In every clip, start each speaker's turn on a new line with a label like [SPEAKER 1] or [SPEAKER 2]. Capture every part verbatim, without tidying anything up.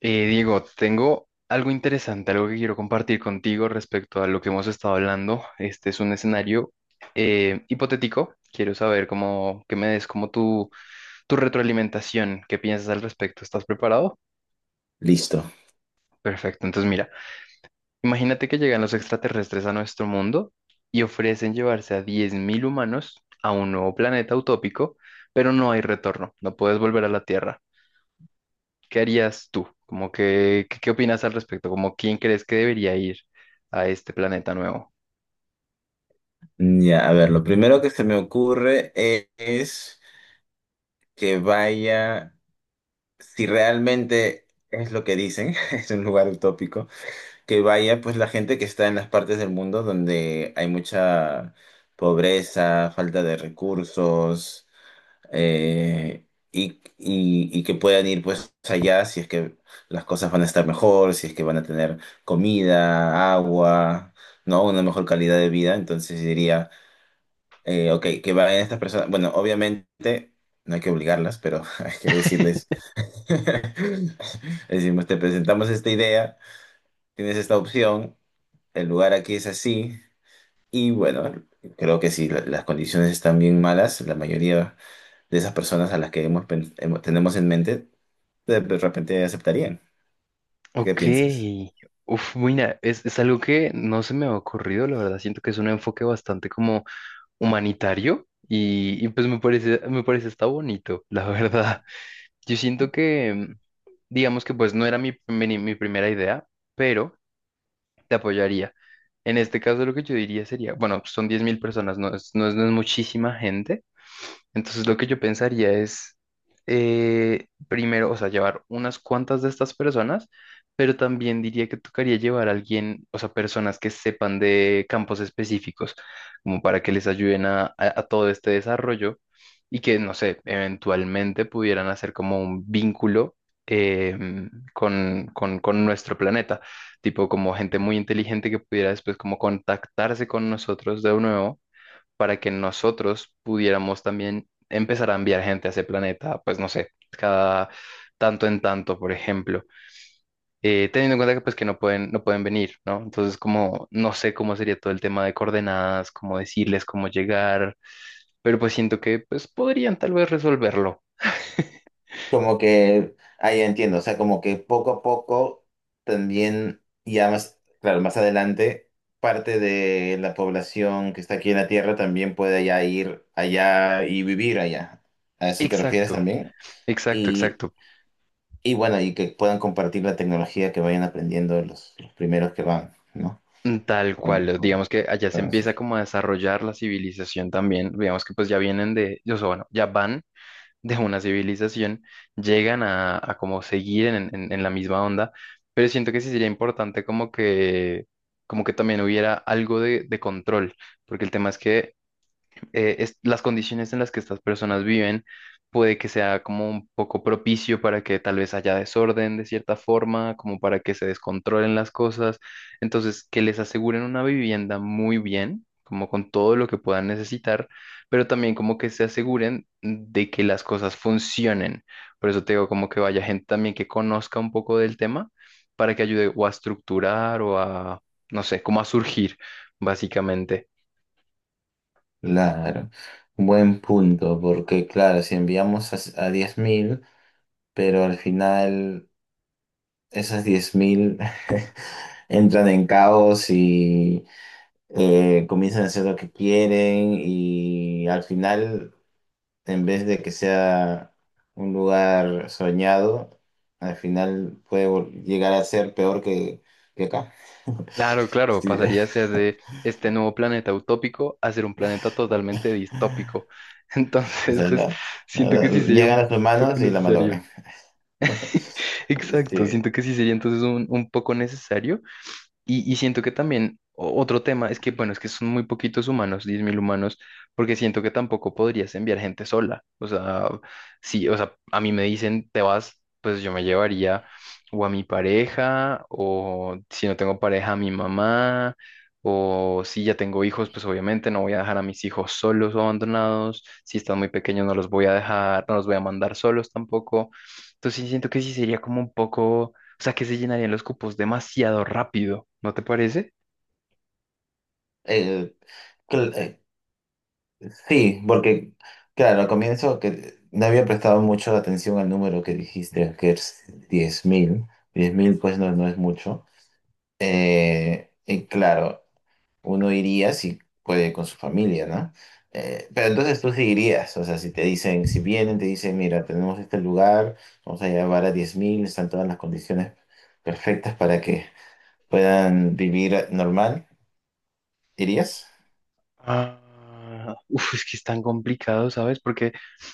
[SPEAKER 1] Eh, Diego, tengo algo interesante, algo que quiero compartir contigo respecto a lo que hemos estado hablando. Este es un escenario eh, hipotético. Quiero saber cómo, que me des como tu, tu retroalimentación, qué piensas al respecto. ¿Estás preparado?
[SPEAKER 2] Listo.
[SPEAKER 1] Perfecto. Entonces, mira, imagínate que llegan los extraterrestres a nuestro mundo y ofrecen llevarse a diez mil humanos a un nuevo planeta utópico, pero no hay retorno, no puedes volver a la Tierra. ¿Qué harías tú? Como que, ¿qué, qué opinas al respecto? Como, ¿quién crees que debería ir a este planeta nuevo?
[SPEAKER 2] Ya, a ver, lo primero que se me ocurre e- es, que vaya, si realmente es lo que dicen, es un lugar utópico, que vaya pues la gente que está en las partes del mundo donde hay mucha pobreza, falta de recursos, eh, y, y, y que puedan ir pues allá si es que las cosas van a estar mejor, si es que van a tener comida, agua, ¿no? Una mejor calidad de vida, entonces diría Eh, ok, que vayan estas personas. Bueno, obviamente no hay que obligarlas, pero hay que decirles. Decimos, te presentamos esta idea, tienes esta opción, el lugar aquí es así, y bueno, creo que si la- las condiciones están bien malas, la mayoría de esas personas a las que hemos, pen- hemos- tenemos en mente, de de repente aceptarían. ¿Qué
[SPEAKER 1] Ok.
[SPEAKER 2] piensas?
[SPEAKER 1] Uf, mira, es, es algo que no se me ha ocurrido, la verdad. Siento que es un enfoque bastante como humanitario y, y pues me parece, me parece está bonito, la verdad. Yo siento que, digamos que pues no era mi, mi, mi primera idea, pero te apoyaría. En este caso lo que yo diría sería, bueno, son diez mil personas, no es, no es no es muchísima gente. Entonces lo que yo pensaría es, eh, primero, o sea, llevar unas cuantas de estas personas, pero también diría que tocaría llevar a alguien, o sea, personas que sepan de campos específicos, como para que les ayuden a, a- a todo este desarrollo y que, no sé, eventualmente pudieran hacer como un vínculo. em, con, con, con nuestro planeta, tipo como gente muy inteligente que pudiera después como contactarse con nosotros de nuevo para que nosotros pudiéramos también empezar a enviar gente a ese planeta, pues no sé, cada tanto en tanto, por ejemplo. Eh, teniendo en cuenta que pues que no pueden, no pueden venir, ¿no? Entonces como no sé cómo sería todo el tema de coordenadas, cómo decirles cómo llegar, pero pues siento que pues podrían tal vez resolverlo.
[SPEAKER 2] Como que, ahí entiendo, o sea, como que poco a poco también, ya más, claro, más adelante, parte de la población que está aquí en la Tierra también puede ya ir allá y vivir allá. ¿A eso te refieres
[SPEAKER 1] Exacto,
[SPEAKER 2] también?
[SPEAKER 1] exacto,
[SPEAKER 2] Y,
[SPEAKER 1] exacto.
[SPEAKER 2] y bueno, y que puedan compartir la tecnología que vayan aprendiendo los, los primeros que van, ¿no?
[SPEAKER 1] Mm, Tal
[SPEAKER 2] Con,
[SPEAKER 1] cual,
[SPEAKER 2] con-
[SPEAKER 1] digamos que allá se
[SPEAKER 2] con
[SPEAKER 1] empieza
[SPEAKER 2] nosotros.
[SPEAKER 1] como a desarrollar la civilización también, digamos que pues ya vienen de, yo sé, bueno, ya van de una civilización llegan a, a como seguir en, en- en la misma onda, pero siento que sí sería importante como que, como que también hubiera algo de, de control, porque el tema es que eh, es- las condiciones en las que estas personas viven puede que sea como un poco propicio para que tal vez haya desorden de cierta forma, como para que se descontrolen las cosas. Entonces, que les aseguren una vivienda muy bien, como con todo lo que puedan necesitar, pero también como que se aseguren de que las cosas funcionen. Por eso te digo, como que vaya gente también que conozca un poco del tema para que ayude o a estructurar o a, no sé, como a surgir, básicamente.
[SPEAKER 2] Claro, buen punto, porque claro, si enviamos a, a diez mil, pero al final, esas diez mil entran en caos y eh, comienzan a hacer lo que quieren y al final, en vez de que sea un lugar soñado, al final puede vol- llegar a ser peor que, que acá.
[SPEAKER 1] Claro, claro,
[SPEAKER 2] Sí.
[SPEAKER 1] pasaría a ser de este nuevo planeta utópico a ser un planeta totalmente distópico.
[SPEAKER 2] O
[SPEAKER 1] Entonces,
[SPEAKER 2] sea,
[SPEAKER 1] pues
[SPEAKER 2] la-
[SPEAKER 1] siento
[SPEAKER 2] la-
[SPEAKER 1] que sí sería un
[SPEAKER 2] llegan los
[SPEAKER 1] poco
[SPEAKER 2] humanos y la
[SPEAKER 1] necesario.
[SPEAKER 2] malogran.
[SPEAKER 1] Exacto,
[SPEAKER 2] Sí.
[SPEAKER 1] siento que sí sería entonces un, un poco necesario y, y siento que también o- otro tema es que, bueno, es que son muy poquitos humanos, diez mil humanos, porque siento que tampoco podrías enviar gente sola. O sea, sí, o sea, a mí me dicen, te vas, pues yo me llevaría o a mi pareja, o si no tengo pareja, a mi mamá, o si ya tengo hijos, pues obviamente no voy a dejar a mis hijos solos o abandonados. Si están muy pequeños, no los voy a dejar, no los voy a mandar solos tampoco. Entonces sí siento que sí sería como un poco, o sea, que se llenarían los cupos demasiado rápido, ¿no te parece?
[SPEAKER 2] Eh, cl- eh, Sí, porque, claro, al comienzo que no había prestado mucho la atención al número que dijiste, que es diez mil, diez mil pues no, no es mucho. Eh, y claro, uno iría si puede con su familia, ¿no? Eh, pero entonces tú sí irías, o sea, si te dicen, si vienen, te dicen, mira, tenemos este lugar, vamos a llevar a diez mil, están todas las condiciones perfectas para que puedan vivir normal, ¿irías?
[SPEAKER 1] Ah, uf, es que es tan complicado, ¿sabes? Porque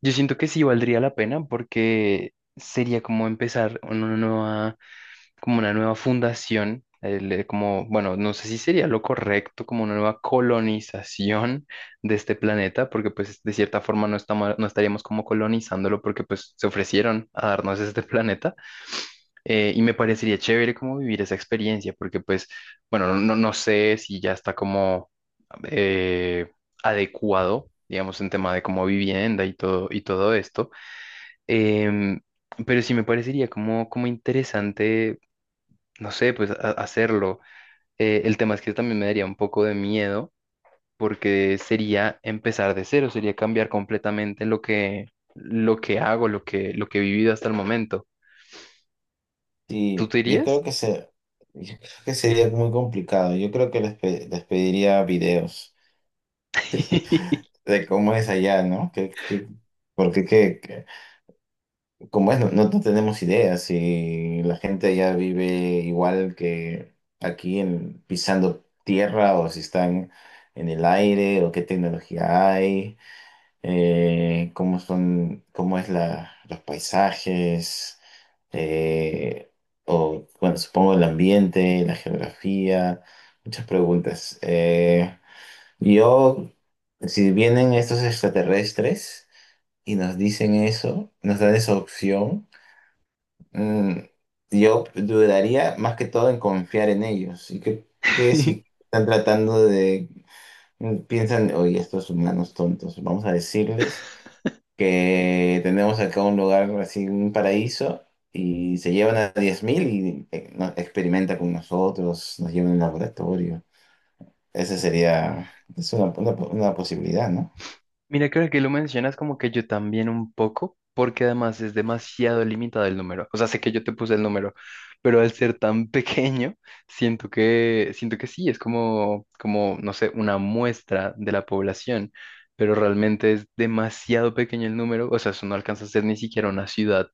[SPEAKER 1] yo siento que sí valdría la pena porque sería como empezar una nueva, como una nueva fundación, el, eh, como, bueno, no, sé si sería lo correcto, como una nueva colonización de este planeta, porque pues de cierta forma no estamos, no estaríamos como colonizándolo porque pues se ofrecieron a darnos este planeta. Eh, y me parecería chévere como vivir esa experiencia, porque pues, bueno, no, no- no sé si ya está como eh, adecuado, digamos, en tema de como vivienda y todo, y todo esto, em, pero sí me parecería como, como interesante, no sé, pues ha- hacerlo. Eh, el tema es que también me daría un poco de miedo, porque sería empezar de cero, sería cambiar completamente lo que, lo que hago, lo que, lo que he vivido hasta el momento. ¿Tú
[SPEAKER 2] Sí,
[SPEAKER 1] te
[SPEAKER 2] yo creo
[SPEAKER 1] irías?
[SPEAKER 2] que se, yo creo que sería muy complicado. Yo creo que les, pe- les pediría videos de cómo es allá, ¿no? Que, que, porque que, que- como es, no, no no tenemos ideas y la gente allá vive igual que aquí en, pisando tierra o si están en el aire o qué tecnología hay. eh, cómo son, cómo es la, los paisajes, eh, o bueno, supongo el ambiente, la geografía, muchas preguntas. Eh, yo, si vienen estos extraterrestres y nos dicen eso, nos dan esa opción, mm, yo dudaría más que todo en confiar en ellos. ¿Y que si están tratando de... mm, piensan, oye, estos humanos tontos, vamos a decirles que tenemos acá un lugar así, un paraíso, y se llevan a diez mil y eh, no- experimenta con nosotros, nos llevan al laboratorio. Esa sería, es una, una- una posibilidad, ¿no?
[SPEAKER 1] Mira que ahora que lo mencionas como que yo también un poco, porque además es demasiado limitado el número. O sea, sé que yo te puse el número, pero al ser tan pequeño, siento que, siento que sí, es como, como, no sé, una muestra de la población, pero realmente es demasiado pequeño el número, o sea, eso no alcanza a ser ni siquiera una ciudad.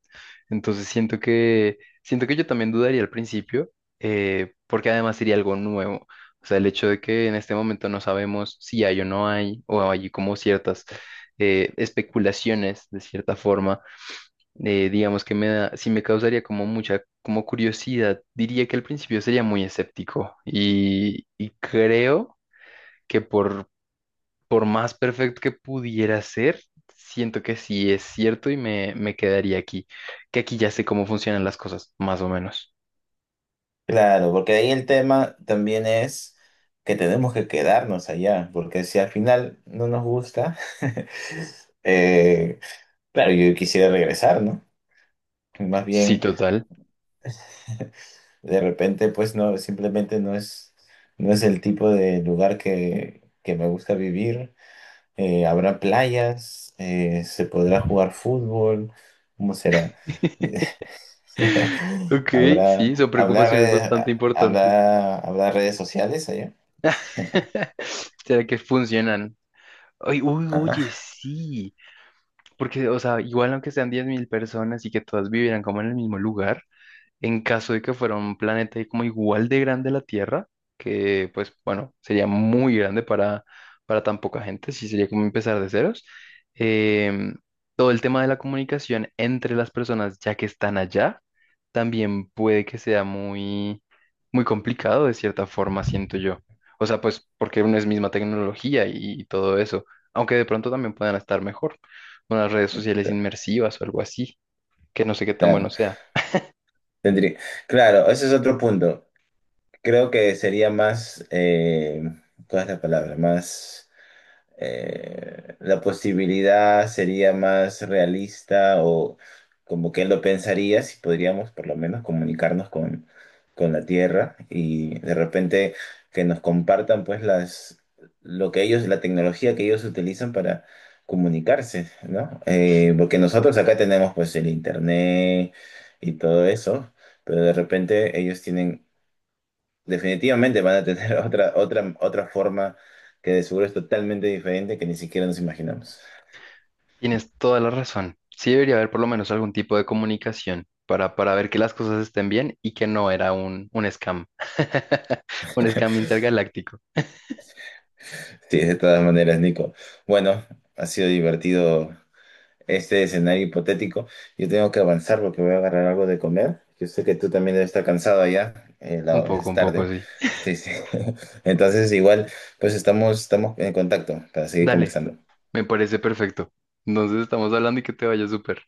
[SPEAKER 1] Entonces siento que, siento que yo también dudaría al principio, eh, porque además sería algo nuevo. O sea, el hecho de que en este momento no sabemos si hay o no hay, o hay como ciertas eh, especulaciones de cierta forma, eh, digamos que me da, sí me causaría como mucha como curiosidad. Diría que al principio sería muy escéptico y, y creo que por, por más perfecto que pudiera ser, siento que sí es cierto y me, me quedaría aquí, que aquí ya sé cómo funcionan las cosas, más o menos.
[SPEAKER 2] Claro, porque ahí el tema también es que tenemos que quedarnos allá, porque si al final no nos gusta, eh, claro, yo quisiera regresar, ¿no? Más
[SPEAKER 1] Sí,
[SPEAKER 2] bien,
[SPEAKER 1] total.
[SPEAKER 2] de repente, pues no, simplemente no es, no es el tipo de lugar que, que me gusta vivir. Eh, ¿habrá playas? Eh, ¿se podrá jugar fútbol? ¿Cómo será?
[SPEAKER 1] Ok, sí, son
[SPEAKER 2] ¿Habrá, habrá
[SPEAKER 1] preocupaciones
[SPEAKER 2] redes,
[SPEAKER 1] bastante importantes.
[SPEAKER 2] ¿habrá, habrá redes sociales allá?
[SPEAKER 1] ¿Será que funcionan? Ay, uy, oye,
[SPEAKER 2] Ajá,
[SPEAKER 1] sí. Porque, o sea, igual aunque sean diez mil personas y que todas vivieran como en el mismo lugar, en caso de que fuera un planeta como igual de grande a la Tierra, que pues bueno, sería muy grande para, para tan poca gente, sí sería como empezar de ceros. Em, Todo el tema de la comunicación entre las personas ya que están allá, también puede que sea muy, muy complicado de cierta forma, siento yo. O sea, pues porque no es misma tecnología y, y todo eso, aunque de pronto también puedan estar mejor, unas redes sociales inmersivas o algo así, que no sé qué tan
[SPEAKER 2] claro,
[SPEAKER 1] bueno sea.
[SPEAKER 2] tendría, claro, ese es otro punto. Creo que sería más, eh, ¿cuál es la palabra? Más... eh, la posibilidad sería más realista o como que él lo pensaría si podríamos por lo menos comunicarnos con, con la Tierra y de repente que nos compartan pues las lo que ellos, la tecnología que ellos utilizan para comunicarse, ¿no? Eh, porque nosotros acá tenemos pues el internet y todo eso, pero de repente ellos tienen, definitivamente van a tener otra, otra, otra forma que de seguro es totalmente diferente que ni siquiera nos imaginamos.
[SPEAKER 1] Tienes toda la razón. Sí debería haber por lo menos algún tipo de comunicación para, para ver que las cosas estén bien y que no era un, un scam. Un scam intergaláctico.
[SPEAKER 2] Sí, de todas maneras, Nico. Bueno, ha sido divertido este escenario hipotético. Yo tengo que avanzar porque voy a agarrar algo de comer. Yo sé que tú también debes estar cansado allá, eh,
[SPEAKER 1] Un
[SPEAKER 2] la-
[SPEAKER 1] poco,
[SPEAKER 2] es
[SPEAKER 1] un poco,
[SPEAKER 2] tarde.
[SPEAKER 1] sí.
[SPEAKER 2] Sí, sí. Entonces, igual, pues estamos, estamos en contacto para seguir
[SPEAKER 1] Dale,
[SPEAKER 2] conversando.
[SPEAKER 1] me parece perfecto. Entonces estamos hablando y que te vaya súper.